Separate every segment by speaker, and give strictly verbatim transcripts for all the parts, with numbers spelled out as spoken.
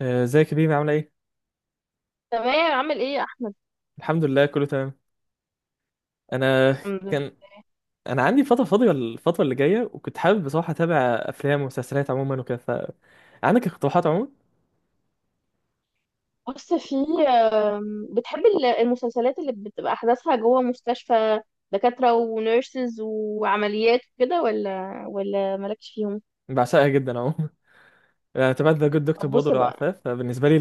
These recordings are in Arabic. Speaker 1: آه، ازيك يا بيبي عامله ايه؟
Speaker 2: تمام، عامل ايه يا احمد؟
Speaker 1: الحمد لله، كله تمام. انا
Speaker 2: الحمد لله.
Speaker 1: كان انا عندي فتره فاضيه الفتره اللي جايه، وكنت حابب بصراحه اتابع افلام ومسلسلات عموما وكده. فعندك اقتراحات عموما؟
Speaker 2: بص، في آم، بتحب ال- المسلسلات اللي بتبقى احداثها جوه مستشفى؟ دكاترة ونيرسز وعمليات وكده، ولا ولا مالكش فيهم؟
Speaker 1: بعشقها جدا عموما. انا تابعت ذا جود دكتور
Speaker 2: طب
Speaker 1: برضه
Speaker 2: بص
Speaker 1: لو
Speaker 2: بقى.
Speaker 1: عارفاه، فبالنسبه لي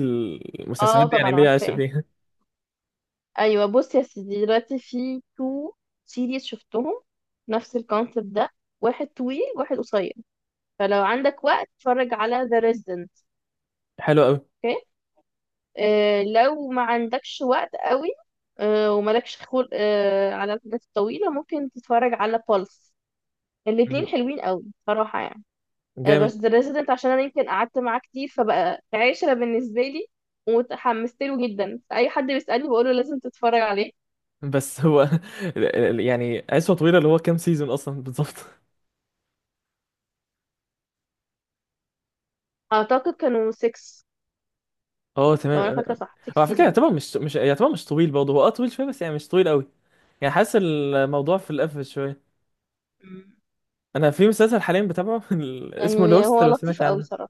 Speaker 2: اه،
Speaker 1: المسلسلات دي يعني
Speaker 2: طبعا
Speaker 1: ليا عشق
Speaker 2: عارفاه.
Speaker 1: فيها.
Speaker 2: ايوه، بص يا سيدي، دلوقتي في تو سيريز شفتهم، نفس الكونسيبت ده. واحد طويل واحد قصير. فلو عندك وقت اتفرج على ذا ريزيدنت.
Speaker 1: حلو قوي،
Speaker 2: آه، لو ما عندكش وقت قوي آه، ومالكش خلق آه، على الحاجات الطويلة ممكن تتفرج على بالس. الاتنين حلوين قوي صراحة يعني. آه، بس
Speaker 1: جامد.
Speaker 2: The Resident عشان أنا يمكن قعدت معاه كتير فبقى عشرة بالنسبة لي، ومتحمست له جدا، أي حد بيسألني بقوله لازم تتفرج عليه.
Speaker 1: بس هو يعني عشوه طويله، اللي هو كام سيزون اصلا بالظبط؟
Speaker 2: أعتقد كانوا ستة،
Speaker 1: اه،
Speaker 2: لو أنا
Speaker 1: تمام.
Speaker 2: فاكرة صح، 6
Speaker 1: هو على فكره
Speaker 2: سيزونز.
Speaker 1: يعتبر مش مش يعتبر مش طويل برضه، هو اه طويل شويه، بس يعني مش طويل قوي. يعني حاسس الموضوع في القفل شويه. انا في مسلسل حاليا بتابعه، ال- اسمه
Speaker 2: يعني
Speaker 1: لوست،
Speaker 2: هو
Speaker 1: لو سمعت
Speaker 2: لطيف قوي
Speaker 1: عنه.
Speaker 2: صراحة.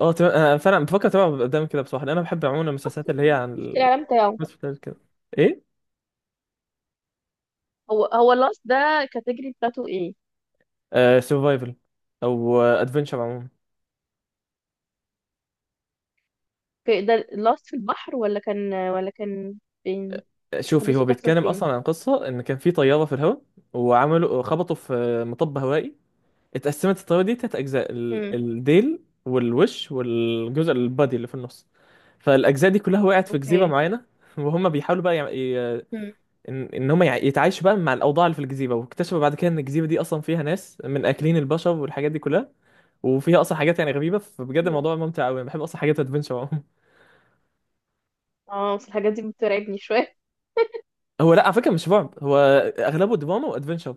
Speaker 1: اه تم- انا فعلا بفكر اتابعه قدام كده بصراحه، لأن انا بحب عموما
Speaker 2: شفت
Speaker 1: المسلسلات اللي هي عن
Speaker 2: شفت الإعلان بتاعه؟
Speaker 1: المسلسلات كده. ايه.
Speaker 2: هو هو لاست ده كاتيجري بتاعته ايه؟
Speaker 1: آه، سرفايفل او ادفنشر عموما.
Speaker 2: في ده لاست في البحر ولا كان ولا كان فين؟
Speaker 1: شوفي،
Speaker 2: الحدث
Speaker 1: هو
Speaker 2: بتحصل
Speaker 1: بيتكلم
Speaker 2: فين؟
Speaker 1: اصلا عن قصه ان كان في طياره في الهواء، وعملوا خبطوا في مطب هوائي. اتقسمت الطياره دي تلات اجزاء، ال-
Speaker 2: امم.
Speaker 1: الديل والوش والجزء البادي اللي في النص. فالاجزاء دي كلها وقعت في جزيره
Speaker 2: اوكي.
Speaker 1: معينه، وهم بيحاولوا بقى
Speaker 2: امم.
Speaker 1: ان ان هم يع- يتعايشوا بقى مع الاوضاع اللي في الجزيره، واكتشفوا بعد كده ان الجزيره دي اصلا فيها ناس من اكلين البشر والحاجات دي كلها. وفيها اصلا حاجات يعني غريبه، فبجد الموضوع ممتع قوي. انا بحب اصلا حاجات ادفنشر عموما.
Speaker 2: اه بس الحاجات دي بترعبني شويه.
Speaker 1: هو لا، على فكره مش رعب، هو اغلبه دراما وادفنشر.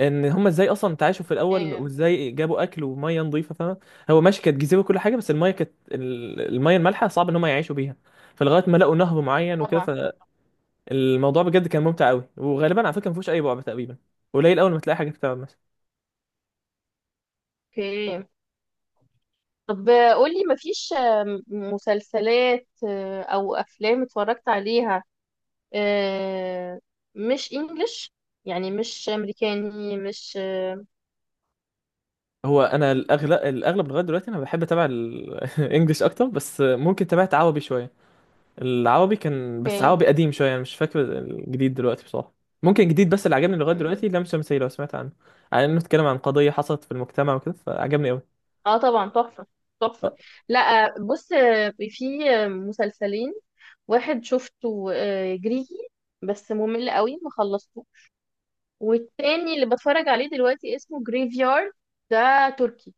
Speaker 1: ان هم ازاي اصلا تعايشوا في الاول،
Speaker 2: ايه
Speaker 1: وازاي جابوا اكل وميه نظيفه، فاهم. هو ماشي، كانت جزيره وكل حاجه، بس الميه كانت ال- الميه المالحه صعب ان هم يعيشوا بيها، فلغايه ما لقوا نهر معين
Speaker 2: طبعا.
Speaker 1: وكده. فالموضوع بجد كان ممتع قوي، وغالبا على فكره ما فيهوش اي رعب تقريبا، قليل اول ما تلاقي حاجه بتعمل.
Speaker 2: اوكي. طب قولي، مفيش آه، مسلسلات آه، او افلام اتفرجت عليها آه، مش انجلش؟ يعني مش امريكاني، مش آه،
Speaker 1: هو انا الاغلب الاغلب لغايه دلوقتي انا بحب اتابع الانجليش اكتر، بس ممكن تابعت عربي شويه. العربي كان بس
Speaker 2: اوكي.
Speaker 1: عربي قديم شويه، انا مش فاكر الجديد دلوقتي بصراحه. ممكن الجديد بس اللي عجبني لغايه دلوقتي لام شمسية، لو سمعت عنه، على انه اتكلم عن قضيه حصلت في المجتمع وكده، فعجبني قوي.
Speaker 2: اه طبعا، تحفة. تحفة.
Speaker 1: اه،
Speaker 2: لا بص، في مسلسلين. واحد شفته آه، جريكي، بس ممل قوي، ما خلصته. والتاني اللي بتفرج عليه دلوقتي اسمه جريفيارد، ده تركي.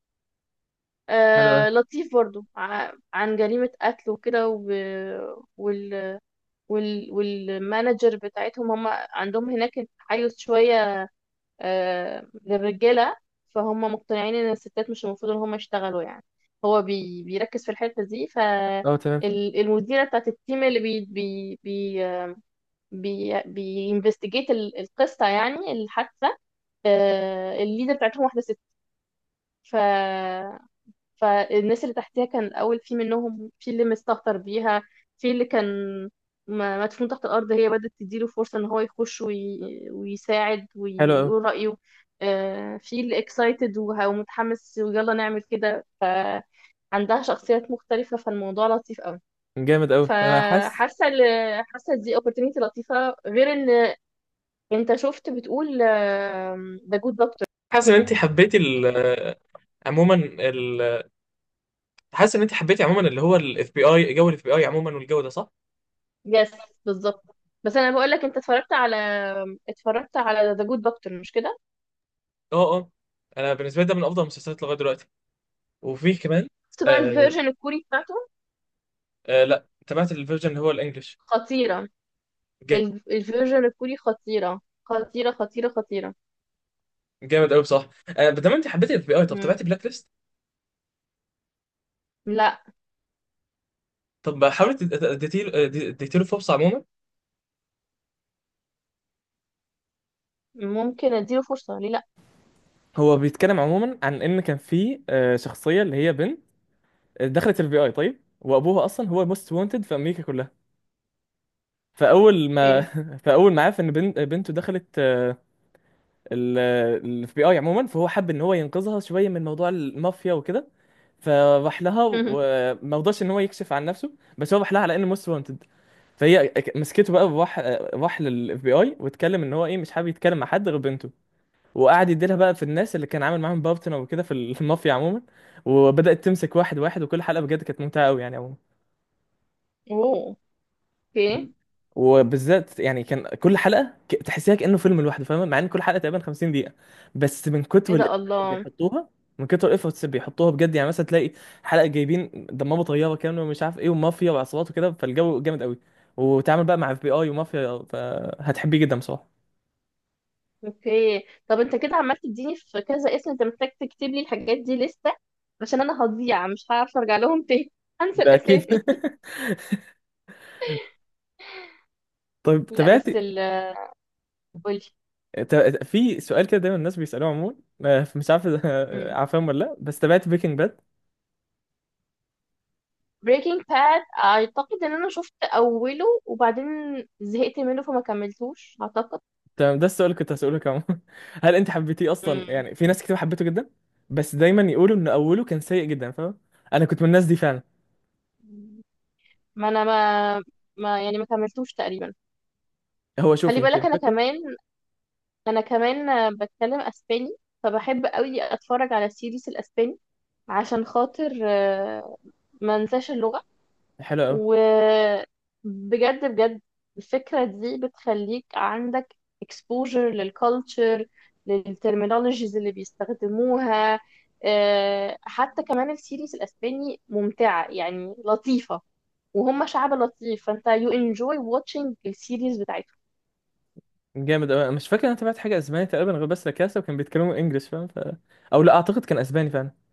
Speaker 1: حلو قوي.
Speaker 2: آه لطيف برضو، ع- عن جريمة قتل وكده، و- وال وال والمانجر بتاعتهم، هم عندهم هناك تحيز شوية آه، للرجالة. فهم مقتنعين ان الستات مش المفروض ان هم يشتغلوا يعني. هو بي بيركز في الحتة دي.
Speaker 1: اه، تمام.
Speaker 2: فالمديرة بتاعت التيم اللي بي بي بي بي بينفستيجيت القصة، يعني الحادثة. آه، الليدر بتاعتهم واحدة ست. فالناس اللي تحتها كان الأول في منهم في اللي مستهتر بيها، في اللي كان م- مدفون تحت الأرض. هي بدأت تديله فرصة إن هو يخش وي... ويساعد
Speaker 1: حلو
Speaker 2: وي...
Speaker 1: قوي.
Speaker 2: ويقول رأيه. آه، في اللي اكسايتد ومتحمس ويلا نعمل كده، فعندها شخصيات مختلفة، فالموضوع لطيف قوي.
Speaker 1: جامد قوي. انا حاسس.
Speaker 2: فحاسة ال- حاسة دي opportunity لطيفة، غير إن أنت شفت، بتقول آم، ده good doctor.
Speaker 1: حاسس ان انت حبيتي ال- عموما ال- حاسس ان انت حبيتي عموما، اللي هو الاف بي اي، جو الاف بي اي عموما، والجو ده، صح؟
Speaker 2: يس، بالظبط. بس انا بقول لك، انت اتفرجت على اتفرجت على ذا جود دكتور، مش كده؟
Speaker 1: اه، اه. انا بالنسبه لي ده من افضل المسلسلات لغايه دلوقتي، وفيه كمان.
Speaker 2: شفت بقى
Speaker 1: آه،
Speaker 2: الفيرجن الكوري بتاعته؟
Speaker 1: آه، لا، تابعت الفيرجن اللي هو الانجليش.
Speaker 2: خطيره. ال- الفيرجن الكوري خطيره خطيره خطيره خطيره.
Speaker 1: جامد قوي، صح. آه، بدل ما دام انت حبيت الاف بي اي، طب
Speaker 2: مم.
Speaker 1: تابعت بلاك ليست؟
Speaker 2: لا.
Speaker 1: طب حاولت اديتيله اديتيله فرصه عموما؟
Speaker 2: ممكن اديله فرصه، ليه لا.
Speaker 1: هو بيتكلم عموما عن ان كان في آه، شخصيه اللي هي بنت دخلت الفي اي طيب، وابوها اصلا هو موست وانتد في امريكا كلها. فاول ما
Speaker 2: اوكي.
Speaker 1: فاول ما عرف ان بنت بنته دخلت الاف بي اي عموما، فهو حب ان هو ينقذها شويه من موضوع المافيا وكده، فراح لها وما رضاش ان هو يكشف عن نفسه. بس هو راح لها على انه موست وانتد، فهي ك- مسكته بقى، وراح راح للاف بي اي واتكلم ان هو ايه مش حابب يتكلم مع حد غير بنته. وقعد يديلها بقى في الناس اللي كان عامل معاهم بارتنر وكده في المافيا عموما. وبدأت تمسك واحد واحد، وكل حلقه بجد كانت ممتعه قوي يعني عموما.
Speaker 2: اوه. اوكي.
Speaker 1: مم. وبالذات يعني كان كل حلقه ك- تحسيها كانه فيلم لوحده، فاهمه، مع ان كل حلقه تقريبا 50 دقيقه، بس من كتر
Speaker 2: ايه
Speaker 1: الإف
Speaker 2: ده،
Speaker 1: اللي
Speaker 2: الله.
Speaker 1: بيحطوها من كتر الافورتس اللي بيحطوها بجد. يعني مثلا تلاقي حلقه جايبين دمروا طياره كامله، ومش عارف ايه، ومافيا وعصابات وكده، فالجو جامد قوي. وتعمل بقى مع اف بي اي ومافيا، فهتحبيه جدا بصراحه.
Speaker 2: اوكي. طب انت كده عمال تديني في كذا اسم، انت محتاج تكتب لي الحاجات دي لسه عشان انا هضيع، مش هعرف ارجع لهم تاني، هنسى
Speaker 1: ده اكيد.
Speaker 2: الاسامي.
Speaker 1: طيب
Speaker 2: لا
Speaker 1: تابعت
Speaker 2: بس ال قولي.
Speaker 1: ت- في سؤال كده دايما الناس بيسالوه عموما، آه، مش عارف عارفهم ولا لا، بس تابعت بريكنج؟
Speaker 2: بريكنج باد اعتقد ان انا شفت اوله وبعدين زهقت منه، فما كملتوش، اعتقد.
Speaker 1: تمام، ده السؤال اللي كنت هسألك عمو. هل انت حبيتيه اصلا؟
Speaker 2: مم.
Speaker 1: يعني في ناس كتير حبيته جدا، بس دايما يقولوا ان اوله كان سيء جدا، فاهم. انا كنت من الناس دي فعلا.
Speaker 2: ما انا ما ما يعني، ما كملتوش تقريبا.
Speaker 1: هو
Speaker 2: خلي
Speaker 1: شوفي انت
Speaker 2: بالك انا
Speaker 1: الفكره.
Speaker 2: كمان. انا كمان آه، بتكلم اسباني، فبحب قوي اتفرج على السيريس الاسباني، عشان خاطر آه، ما انساش اللغة.
Speaker 1: حلو قوي.
Speaker 2: وبجد، بجد الفكرة دي بتخليك عندك exposure للكالتشر، للترمينولوجيز اللي بيستخدموها. آه، حتى كمان السيريز الأسباني ممتعة، يعني لطيفة. وهم شعب لطيف، فانت you enjoy watching السيريز بتاعتهم.
Speaker 1: جامد قوي. مش فاكر انا تابعت حاجه اسباني تقريبا غير بس لا كاسا، وكان بيتكلموا انجلش، فاهم. ف... او لا، اعتقد كان اسباني فعلا.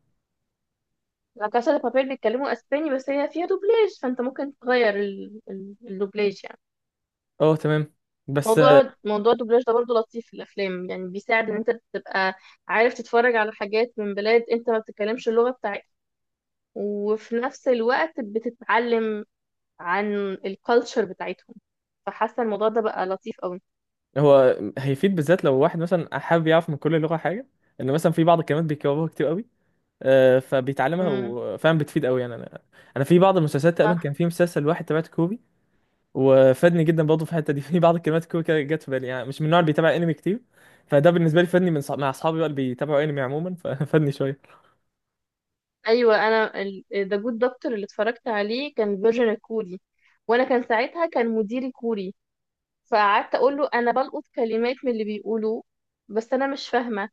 Speaker 2: لا كاسا دي بابيل بيتكلموا اسباني، بس هي فيها دوبلاج، فانت ممكن تغير ال- ال- الدوبلاج يعني.
Speaker 1: اه، تمام. بس آه،
Speaker 2: موضوع موضوع الدوبلاج ده برضه لطيف في الافلام، يعني بيساعد ان انت تبقى عارف تتفرج على حاجات من بلاد انت ما بتتكلمش اللغه بتاعتها، وفي نفس الوقت بتتعلم عن الكالتشر بتاعتهم. فحاسه الموضوع ده بقى لطيف قوي.
Speaker 1: هو هيفيد بالذات لو واحد مثلا حابب يعرف من كل لغه حاجه. ان مثلا في بعض الكلمات بيكرروها كتير قوي، آه، فبيتعلمها
Speaker 2: امم.
Speaker 1: وفعلا بتفيد قوي يعني انا انا في بعض المسلسلات تقريبا
Speaker 2: صح.
Speaker 1: كان في مسلسل واحد تابعته كوري، وفادني جدا برضه في الحته دي. في بعض الكلمات الكويكه كده جت في بالي، يعني مش من النوع اللي بيتابع انمي كتير، فده بالنسبه لي فادني من صح... مع اصحابي بقى اللي بيتابعوا انمي عموما. ففادني شويه.
Speaker 2: ايوه، انا ذا جود دكتور اللي اتفرجت عليه كان فيرجن كوري، وانا كان ساعتها كان مديري كوري، فقعدت اقول له انا بلقط كلمات من اللي بيقولوه بس انا مش فاهمه.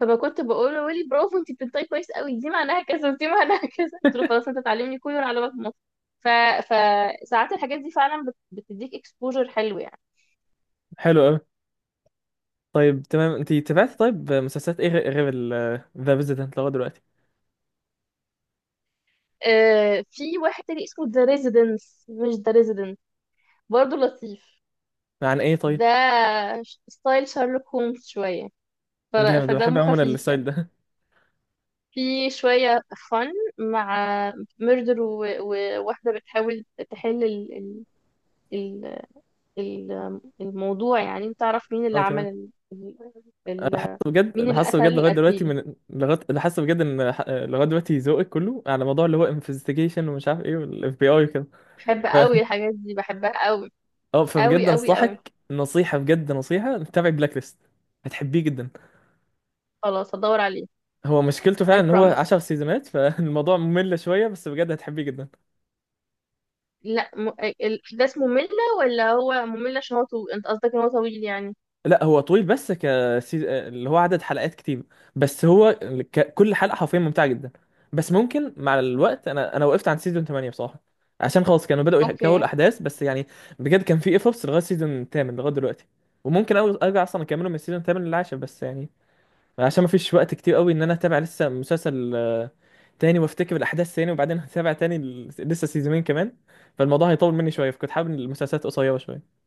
Speaker 2: فكنت بقول له، ويلي، برافو، انت بتنطقي كويس قوي، دي معناها كذا ودي معناها كذا. قلت له خلاص، انت تعلمني كوري وانا علمك مصر. ف... فساعات الحاجات دي فعلا بت... بتديك اكسبوجر حلو يعني.
Speaker 1: حلو قوي. طيب تمام، انت تابعت طيب مسلسلات ايه غير غير ال ذا فيزيتنت لغايه دلوقتي؟
Speaker 2: آه، في واحد تاني اسمه ذا ريزيدنس، مش ذا ريزيدنت، برضه لطيف.
Speaker 1: عن ايه طيب؟
Speaker 2: ده ش- ستايل شارلوك هومز شوية، ف...
Speaker 1: جامد، بحب
Speaker 2: فدمه
Speaker 1: عموما
Speaker 2: خفيف
Speaker 1: الستايل
Speaker 2: يعني.
Speaker 1: ده.
Speaker 2: في شوية فن مع ميردر، وواحدة بتحاول تحل ال... ال... ال- الموضوع. يعني انت تعرف مين اللي
Speaker 1: اه،
Speaker 2: عمل
Speaker 1: تمام.
Speaker 2: ال... ال...
Speaker 1: انا حاسس
Speaker 2: ال-
Speaker 1: بجد
Speaker 2: مين
Speaker 1: انا
Speaker 2: اللي
Speaker 1: حاسس
Speaker 2: قتل
Speaker 1: بجد لغايه دلوقتي
Speaker 2: القتيل.
Speaker 1: من لغايه انا حاسس بجد ان ح- لغايه دلوقتي ذوقك كله على موضوع اللي هو انفستيجيشن ومش عارف ايه والاف بي اي وكده.
Speaker 2: بحب قوي الحاجات دي، بحبها قوي
Speaker 1: اه،
Speaker 2: قوي
Speaker 1: فبجد
Speaker 2: قوي قوي.
Speaker 1: انصحك نصيحة، بجد نصيحة، تتابع بلاك ليست. هتحبيه جدا.
Speaker 2: خلاص، هدور عليه.
Speaker 1: هو مشكلته فعلا
Speaker 2: I
Speaker 1: ان هو
Speaker 2: promise.
Speaker 1: 10 سيزونات، فالموضوع ممل شوية، بس بجد هتحبيه جدا.
Speaker 2: لا، م... الاحداث مملة، ولا هو ممل عشان هو طويل؟ انت قصدك ان هو طويل يعني؟
Speaker 1: لا، هو طويل، بس ك سيز- اللي هو عدد حلقات كتير. بس هو ك... كل حلقة حرفيا ممتعة جدا. بس ممكن مع الوقت انا انا وقفت عند سيزون ثمانية بصراحة، عشان خلاص كانوا بدأوا يحكوا
Speaker 2: اوكي.
Speaker 1: الاحداث، بس يعني بجد كان في ايفورتس لغاية سيزون ثمانية لغاية دلوقتي. وممكن أو- ارجع اصلا اكمله من السيزون ثمانية للعاشر، بس يعني عشان ما فيش وقت كتير قوي ان انا اتابع لسه مسلسل آه، تاني وافتكر الاحداث تاني، وبعدين هتابع تاني ال- لسه سيزونين كمان، فالموضوع هيطول مني شويه، فكنت حابب إن المسلسلات قصيره شويه.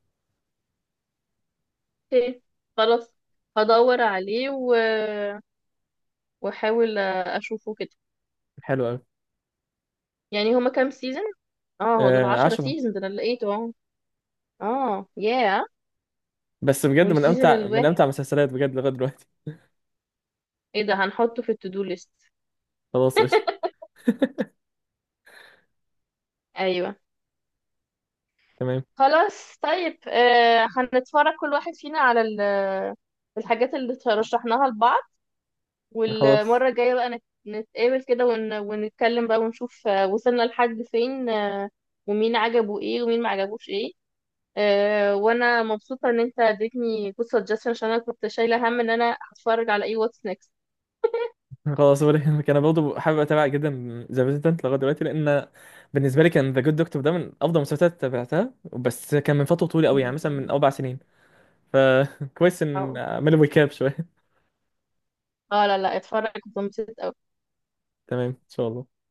Speaker 2: اوكي، خلاص، هدور عليه و... واحاول اشوفه كده.
Speaker 1: حلو قوي.
Speaker 2: يعني هما كام سيزون؟ اه، هو دول
Speaker 1: آه،
Speaker 2: 10
Speaker 1: عشرة.
Speaker 2: سيزون؟ ده انا لقيته اهو. اه ياه.
Speaker 1: بس بجد من
Speaker 2: والسيزون
Speaker 1: امتع من امتع
Speaker 2: الواحد،
Speaker 1: المسلسلات بجد لغايه دلوقتي.
Speaker 2: ايه ده؟ هنحطه في التو دو ليست.
Speaker 1: خلاص، قشطه.
Speaker 2: ايوه.
Speaker 1: تمام.
Speaker 2: خلاص طيب، آه، هنتفرج كل واحد فينا على ال- الحاجات اللي رشحناها لبعض،
Speaker 1: خلاص.
Speaker 2: والمرة الجاية بقى نت- نتقابل كده ون... ونتكلم بقى ونشوف آه، وصلنا لحد فين، آه، ومين عجبه ايه ومين ما عجبوش ايه. آه، وانا مبسوطة ان انت اديتني good suggestion عشان انا كنت شايلة هم ان انا هتفرج على ايه، واتس نيكست.
Speaker 1: خلاص ولا يهمك. انا برضه حابب اتابع جدا ذا ريزيدنت لغايه دلوقتي، لان بالنسبه لي كان ذا جود دكتور ده من افضل المسلسلات تابعتها، بس كان من فتره طويله قوي، يعني
Speaker 2: اه
Speaker 1: مثلا من اربع سنين، فكويس ان اعمل ويكاب شويه.
Speaker 2: آه، لا لا، اتفرج، اتبسطت أوي.
Speaker 1: تمام ان شاء الله.